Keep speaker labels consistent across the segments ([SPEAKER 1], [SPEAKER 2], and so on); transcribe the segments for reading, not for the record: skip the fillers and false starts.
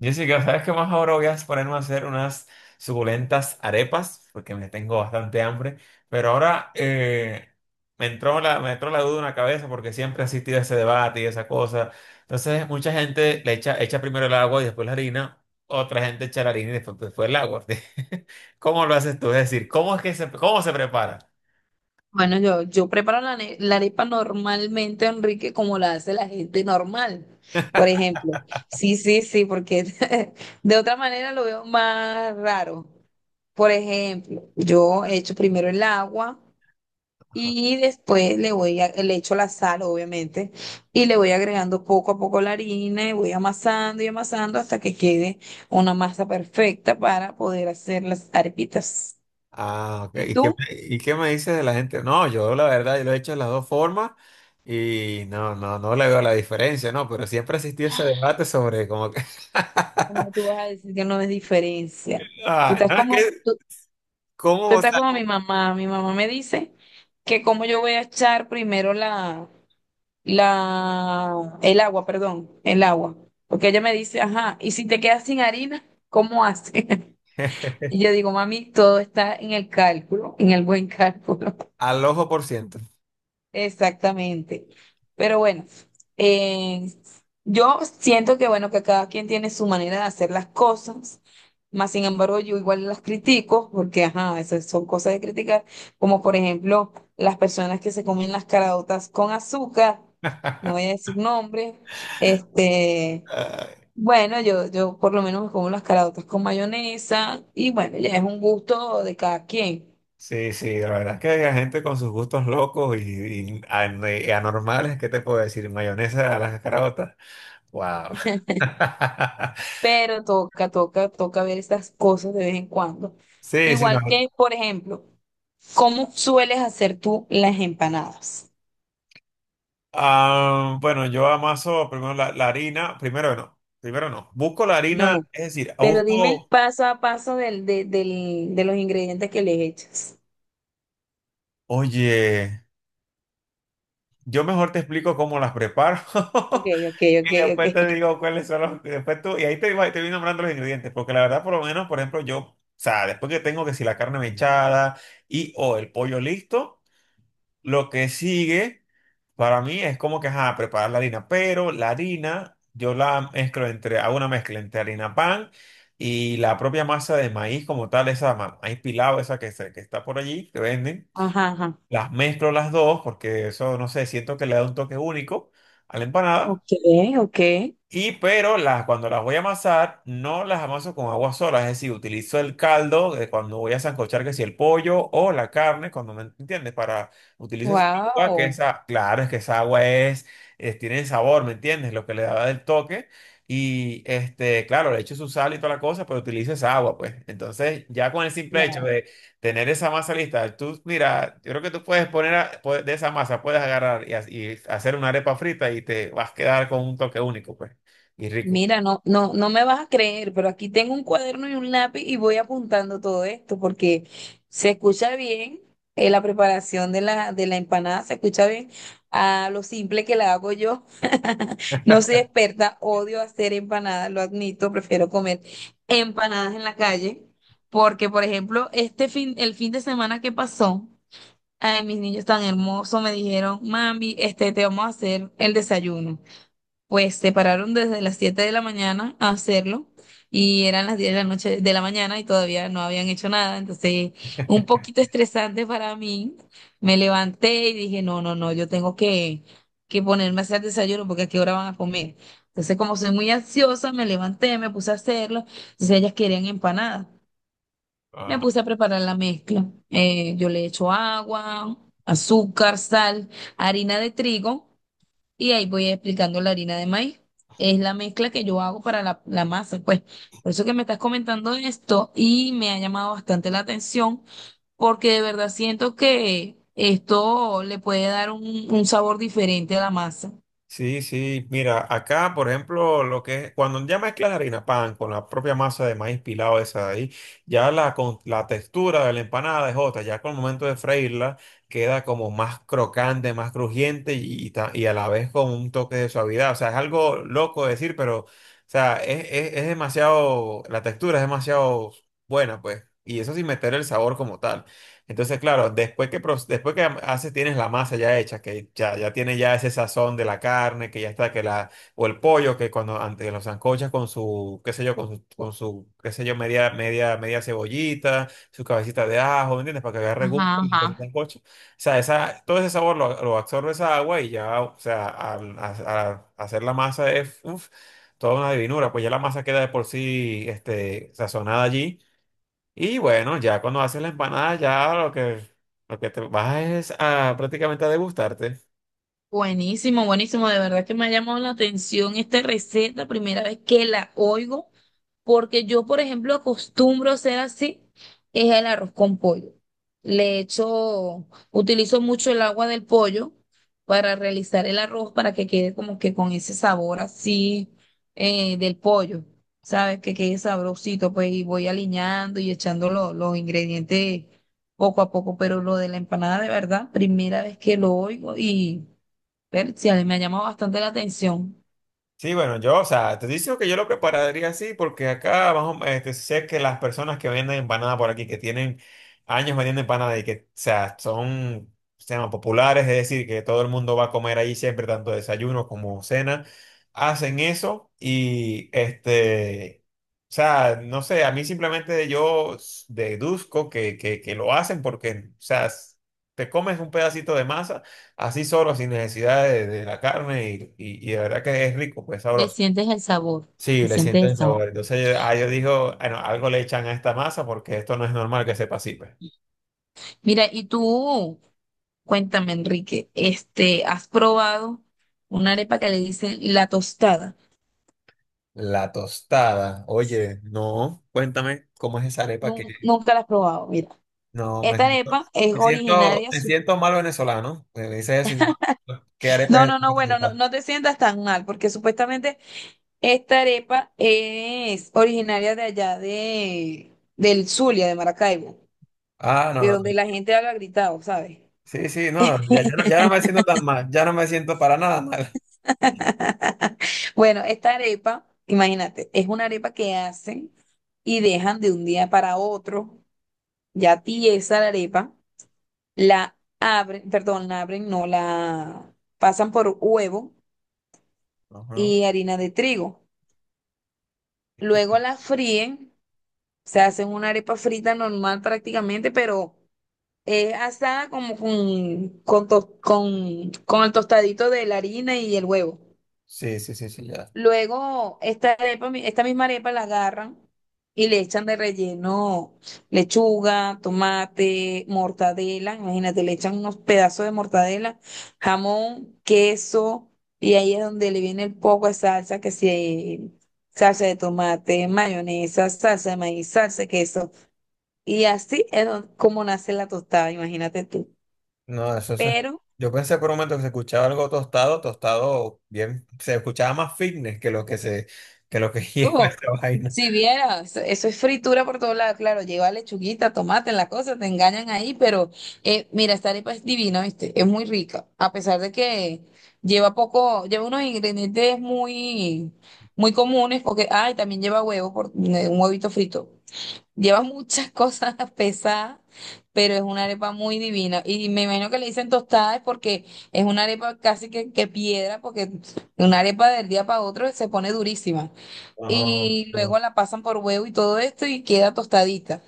[SPEAKER 1] Jessica, ¿sabes qué más? Ahora voy a ponerme a hacer unas suculentas arepas, porque me tengo bastante hambre. Pero ahora me entró la duda en la cabeza, porque siempre he asistido a ese debate y esa cosa. Entonces, mucha gente echa primero el agua y después la harina. Otra gente echa la harina y después el agua. ¿Cómo lo haces tú? Es decir, ¿cómo es que cómo se prepara?
[SPEAKER 2] Bueno, yo preparo la arepa normalmente, Enrique, como la hace la gente normal, por ejemplo. Sí, sí, sí, porque de otra manera lo veo más raro. Por ejemplo, yo echo primero el agua y después le echo la sal, obviamente, y le voy agregando poco a poco la harina y voy amasando y amasando hasta que quede una masa perfecta para poder hacer las arepitas.
[SPEAKER 1] Ah, ok.
[SPEAKER 2] ¿Y
[SPEAKER 1] ¿Y qué,
[SPEAKER 2] tú?
[SPEAKER 1] qué me dices de la gente? No, yo la verdad, yo lo he hecho de las dos formas y no le veo la diferencia, ¿no? Pero siempre ha existido ese debate sobre como que...
[SPEAKER 2] Como tú vas a decir que no es diferencia? Tú
[SPEAKER 1] Ah,
[SPEAKER 2] estás
[SPEAKER 1] no, es
[SPEAKER 2] como,
[SPEAKER 1] que,
[SPEAKER 2] tú,
[SPEAKER 1] ¿cómo?
[SPEAKER 2] tú
[SPEAKER 1] O
[SPEAKER 2] estás
[SPEAKER 1] sea,
[SPEAKER 2] como mi mamá. Mi mamá me dice que como yo voy a echar primero el agua, perdón, el agua. Porque ella me dice, ajá, y si te quedas sin harina, ¿cómo haces? Y yo digo, mami, todo está en el cálculo, en el buen cálculo.
[SPEAKER 1] al ojo por ciento.
[SPEAKER 2] Exactamente. Pero bueno, eh, yo siento que bueno, que cada quien tiene su manera de hacer las cosas, más sin embargo yo igual las critico, porque ajá, esas son cosas de criticar, como por ejemplo las personas que se comen las caraotas con azúcar, no voy a decir nombre, este,
[SPEAKER 1] Ay,
[SPEAKER 2] bueno, yo por lo menos me como las caraotas con mayonesa, y bueno, ya es un gusto de cada quien.
[SPEAKER 1] sí, sí, la verdad es que hay gente con sus gustos locos y, y anormales, ¿qué te puedo decir? Mayonesa a las carotas. Wow.
[SPEAKER 2] Pero toca, toca, toca ver estas cosas de vez en cuando.
[SPEAKER 1] Sí, sí, no.
[SPEAKER 2] Igual que, por ejemplo, ¿cómo sueles hacer tú las empanadas?
[SPEAKER 1] Ah, bueno, yo amaso primero la harina, primero no. Busco la
[SPEAKER 2] No,
[SPEAKER 1] harina,
[SPEAKER 2] no.
[SPEAKER 1] es decir,
[SPEAKER 2] Pero dime el
[SPEAKER 1] busco,
[SPEAKER 2] paso a paso de los ingredientes que le echas.
[SPEAKER 1] oye, yo mejor te explico cómo las preparo
[SPEAKER 2] Ok, ok, ok,
[SPEAKER 1] y
[SPEAKER 2] ok.
[SPEAKER 1] después te digo cuáles son los, después tú, y ahí te, te voy nombrando los ingredientes, porque la verdad, por lo menos, por ejemplo, yo, o sea, después que tengo que si la carne mechada y o el pollo listo, lo que sigue. Para mí es como que, ajá, preparar la harina, pero la harina yo la mezclo entre, hago una mezcla entre harina pan y la propia masa de maíz como tal, esa maíz pilado, esa que, que está por allí, que venden.
[SPEAKER 2] Ajá, ajá.
[SPEAKER 1] Las mezclo las dos porque eso, no sé, siento que le da un toque único a la empanada.
[SPEAKER 2] Ok, ok.
[SPEAKER 1] Y pero las, cuando las voy a amasar, no las amaso con agua sola, es decir, utilizo el caldo de cuando voy a sancochar, que si el pollo o la carne, cuando me entiendes, para utilizar esa agua, que
[SPEAKER 2] Wow.
[SPEAKER 1] esa, claro, es que esa agua tiene sabor, ¿me entiendes? Lo que le da el toque. Y este, claro, le echo su sal y toda la cosa, pero utilizo esa agua, pues. Entonces, ya con el simple hecho de tener esa masa lista, tú, mira, yo creo que tú puedes poner a- puedes- de esa masa, puedes agarrar y, y hacer una arepa frita y te vas a quedar con un toque único, pues y rico.
[SPEAKER 2] Mira, no, no, no me vas a creer, pero aquí tengo un cuaderno y un lápiz y voy apuntando todo esto porque se escucha bien, la preparación de de la empanada, se escucha bien a lo simple que la hago yo. No soy experta, odio hacer empanadas, lo admito, prefiero comer empanadas en la calle porque, por ejemplo, este fin, el fin de semana que pasó, ay, mis niños tan hermosos me dijeron, mami, te vamos a hacer el desayuno. Pues se pararon desde las 7 de la mañana a hacerlo y eran las 10 de la noche de la mañana y todavía no habían hecho nada, entonces un poquito estresante para mí. Me levanté y dije, no, no, no, yo tengo que ponerme a hacer desayuno porque a qué hora van a comer. Entonces como soy muy ansiosa, me levanté, me puse a hacerlo, entonces ellas querían empanadas. Me
[SPEAKER 1] Ajá.
[SPEAKER 2] puse a preparar la mezcla. Yo le echo agua, azúcar, sal, harina de trigo. Y ahí voy explicando la harina de maíz. Es la mezcla que yo hago para la masa, pues. Por eso que me estás comentando esto y me ha llamado bastante la atención, porque de verdad siento que esto le puede dar un sabor diferente a la masa.
[SPEAKER 1] Sí, sí, mira, acá, por ejemplo, lo que es, cuando ya mezclas la harina pan con la propia masa de maíz pilado esa de ahí, ya la textura de la empanada es otra, ya con el momento de freírla queda como más crocante, más crujiente y, y a la vez con un toque de suavidad, o sea, es algo loco de decir, pero, o sea, es, es demasiado, la textura es demasiado buena, pues, y eso sin meter el sabor como tal. Entonces, claro, después después que haces, tienes la masa ya hecha, que ya, ya tiene ya ese sazón de la carne, que ya está, que la, o el pollo, que cuando antes los sancochas con su, qué sé yo, con su, qué sé yo, media cebollita, su cabecita de ajo, ¿me entiendes? Para que agarre gusto
[SPEAKER 2] Ajá,
[SPEAKER 1] en el
[SPEAKER 2] ajá.
[SPEAKER 1] sancocho. O sea, esa, todo ese sabor lo absorbe esa agua y ya, o sea, hacer la masa es, uf, toda una divinura, pues ya la masa queda de por sí, este, sazonada allí. Y bueno, ya cuando haces la empanada, ya lo que te vas es a prácticamente a degustarte.
[SPEAKER 2] Buenísimo, buenísimo. De verdad que me ha llamado la atención esta receta, primera vez que la oigo, porque yo, por ejemplo, acostumbro a hacer así, es el arroz con pollo. Utilizo mucho el agua del pollo para realizar el arroz para que quede como que con ese sabor así, del pollo, ¿sabes? Que quede sabrosito, pues, y voy aliñando y echando los ingredientes poco a poco, pero lo de la empanada, de verdad, primera vez que lo oigo, y Persia, me ha llamado bastante la atención.
[SPEAKER 1] Sí, bueno, yo, o sea, te digo que yo lo prepararía así porque acá vamos, este, sé que las personas que venden empanada por aquí, que tienen años vendiendo empanada y que, o sea, son, se llama, populares, es decir, que todo el mundo va a comer ahí siempre, tanto desayuno como cena, hacen eso y, este, o sea, no sé, a mí simplemente deduzco que, que lo hacen porque, o sea, s- te comes un pedacito de masa así solo, sin necesidad de la carne y, y de verdad que es rico, pues
[SPEAKER 2] Le
[SPEAKER 1] sabroso.
[SPEAKER 2] sientes el sabor, le
[SPEAKER 1] Sí, le
[SPEAKER 2] sientes
[SPEAKER 1] sienten
[SPEAKER 2] el
[SPEAKER 1] el
[SPEAKER 2] sabor.
[SPEAKER 1] sabor. Entonces yo, ah, yo digo, bueno, algo le echan a esta masa porque esto no es normal que sepa así, pues.
[SPEAKER 2] Mira, y tú, cuéntame, Enrique, ¿has probado una arepa que le dicen la tostada?
[SPEAKER 1] La tostada, oye, no, cuéntame cómo es esa arepa que
[SPEAKER 2] Nunca la has probado, mira.
[SPEAKER 1] no me
[SPEAKER 2] Esta
[SPEAKER 1] siento,
[SPEAKER 2] arepa es originaria.
[SPEAKER 1] me siento mal venezolano. Me dices eso y no, ¿qué arepa
[SPEAKER 2] No,
[SPEAKER 1] es
[SPEAKER 2] no, no, bueno,
[SPEAKER 1] esta?
[SPEAKER 2] no, no te sientas tan mal, porque supuestamente esta arepa es originaria de allá, del Zulia, de Maracaibo,
[SPEAKER 1] Ah,
[SPEAKER 2] de
[SPEAKER 1] no, no.
[SPEAKER 2] donde la gente habla gritado, ¿sabes?
[SPEAKER 1] Sí, sí, no, ya, ya no me siento tan mal, ya no me siento para nada mal.
[SPEAKER 2] Bueno, esta arepa, imagínate, es una arepa que hacen y dejan de un día para otro, ya tiesa la arepa, la abren, perdón, la abren, no la pasan por huevo
[SPEAKER 1] Ajá.
[SPEAKER 2] y harina de trigo. Luego la fríen, se hacen una arepa frita normal prácticamente, pero es asada como con el tostadito de la harina y el huevo.
[SPEAKER 1] Sí, sí, sí, sí, ya.
[SPEAKER 2] Luego, esta arepa, esta misma arepa la agarran y le echan de relleno lechuga, tomate, mortadela. Imagínate, le echan unos pedazos de mortadela, jamón, queso, y ahí es donde le viene el poco de salsa, que si salsa de tomate, mayonesa, salsa de maíz, salsa de queso. Y así es como nace la tostada, imagínate tú.
[SPEAKER 1] No, eso se...
[SPEAKER 2] Pero
[SPEAKER 1] Yo pensé por un momento que se escuchaba algo tostado, tostado bien, se escuchaba más fitness que lo que se, que lo que lleva
[SPEAKER 2] Oh,
[SPEAKER 1] esta vaina.
[SPEAKER 2] si vieras, eso es fritura por todos lados, claro, lleva lechuguita, tomate, la cosa, te engañan ahí, pero, mira, esta arepa es divina, ¿viste? Es muy rica, a pesar de que lleva poco, lleva unos ingredientes muy, muy comunes, porque, ay, también lleva huevo, un huevito frito. Lleva muchas cosas pesadas, pero es una arepa muy divina. Y me imagino que le dicen tostada es porque es una arepa casi que piedra, porque una arepa del día para otro se pone durísima
[SPEAKER 1] No,
[SPEAKER 2] y
[SPEAKER 1] no.
[SPEAKER 2] luego la pasan por huevo y todo esto y queda tostadita.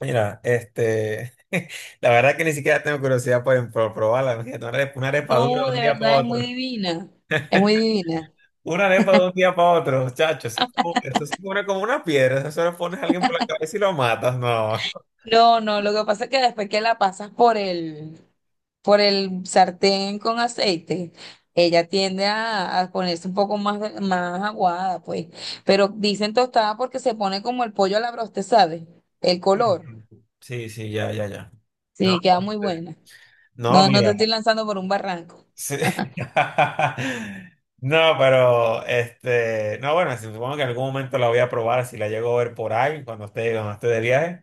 [SPEAKER 1] Mira, este, la verdad que ni siquiera tengo curiosidad por probarla. Imagínate, una arepa, una arepa dura
[SPEAKER 2] No,
[SPEAKER 1] de un
[SPEAKER 2] de
[SPEAKER 1] día para
[SPEAKER 2] verdad es muy
[SPEAKER 1] otro.
[SPEAKER 2] divina, es muy divina.
[SPEAKER 1] Una arepa de un día para otro, chacho. Eso, eso se pone como una piedra. Eso se lo pones a alguien por la cabeza y lo matas. No.
[SPEAKER 2] No, no, lo que pasa es que después que la pasas por por el sartén con aceite, ella tiende a ponerse un poco más, más aguada, pues. Pero dicen tostada porque se pone como el pollo a la broste, ¿sabes? El color.
[SPEAKER 1] Sí, sí, ya, ya, ya. No,
[SPEAKER 2] Sí, queda muy
[SPEAKER 1] este,
[SPEAKER 2] buena.
[SPEAKER 1] no,
[SPEAKER 2] No, no
[SPEAKER 1] mira.
[SPEAKER 2] te estoy lanzando por un barranco.
[SPEAKER 1] Sí. No, pero este, no, bueno, supongo que en algún momento la voy a probar si la llego a ver por ahí cuando esté de viaje,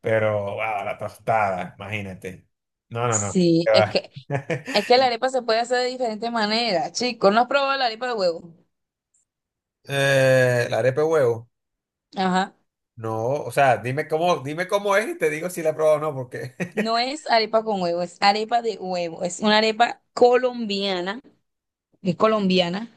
[SPEAKER 1] pero wow, la tostada, imagínate. No, no, no.
[SPEAKER 2] Sí,
[SPEAKER 1] Qué
[SPEAKER 2] es
[SPEAKER 1] va.
[SPEAKER 2] que Es que la arepa se puede hacer de diferentes maneras, chicos. ¿No has probado la arepa de huevo?
[SPEAKER 1] La arepa de huevo.
[SPEAKER 2] Ajá.
[SPEAKER 1] No, o sea, dime cómo es y te digo si la he probado o no, porque
[SPEAKER 2] No es arepa con huevo, es arepa de huevo. Es una arepa colombiana, es colombiana.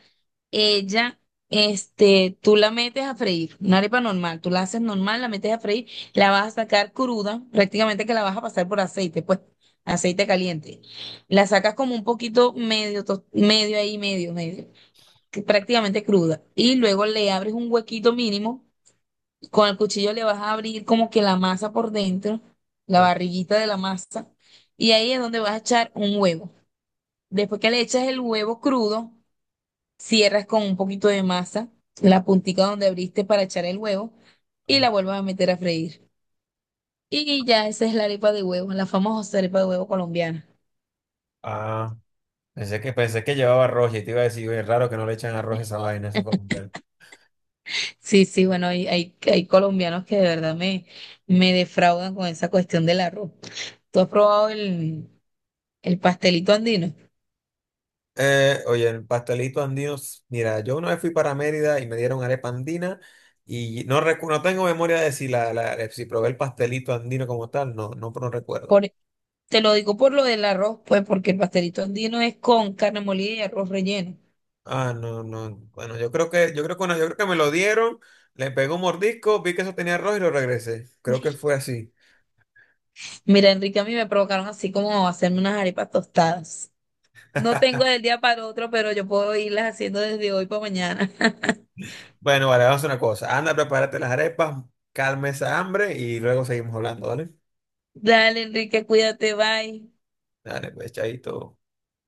[SPEAKER 2] Ella, tú la metes a freír, una arepa normal. Tú la haces normal, la metes a freír, la vas a sacar cruda, prácticamente que la vas a pasar por aceite, pues, aceite caliente. La sacas como un poquito medio, medio ahí, medio, que prácticamente cruda. Y luego le abres un huequito mínimo. Con el cuchillo le vas a abrir como que la masa por dentro, la
[SPEAKER 1] no,
[SPEAKER 2] barriguita de la masa, y ahí es donde vas a echar un huevo. Después que le echas el huevo crudo, cierras con un poquito de masa, la puntica donde abriste para echar el huevo, y
[SPEAKER 1] no.
[SPEAKER 2] la vuelves a meter a freír. Y ya esa es la arepa de huevo, la famosa arepa de huevo colombiana.
[SPEAKER 1] Ah, pensé que llevaba arroz y te iba a decir, oye, es raro que no le echan arroz a esa vaina, eso
[SPEAKER 2] Sí, sí, bueno, hay colombianos que de verdad me defraudan con esa cuestión del arroz. ¿Tú has probado el pastelito andino?
[SPEAKER 1] eh, oye, el pastelito andino, s- mira, yo una vez fui para Mérida y me dieron arepa andina y no, no tengo memoria de si, si probé el pastelito andino como tal, no, no, no recuerdo.
[SPEAKER 2] Por, Te lo digo por lo del arroz, pues, porque el pastelito andino es con carne molida y arroz relleno.
[SPEAKER 1] Ah, no, no, bueno, yo creo que, no, yo creo que me lo dieron, le pegué un mordisco, vi que eso tenía arroz y lo regresé. Creo que fue así.
[SPEAKER 2] Mira, Enrique, a mí me provocaron así como hacerme unas arepas tostadas. No tengo del día para otro, pero yo puedo irlas haciendo desde hoy para mañana.
[SPEAKER 1] Bueno, vale, vamos a hacer una cosa, anda, prepárate las arepas, calma esa hambre y luego seguimos hablando, ¿vale?
[SPEAKER 2] Dale, Enrique, cuídate, bye.
[SPEAKER 1] Dale, pues, chaito.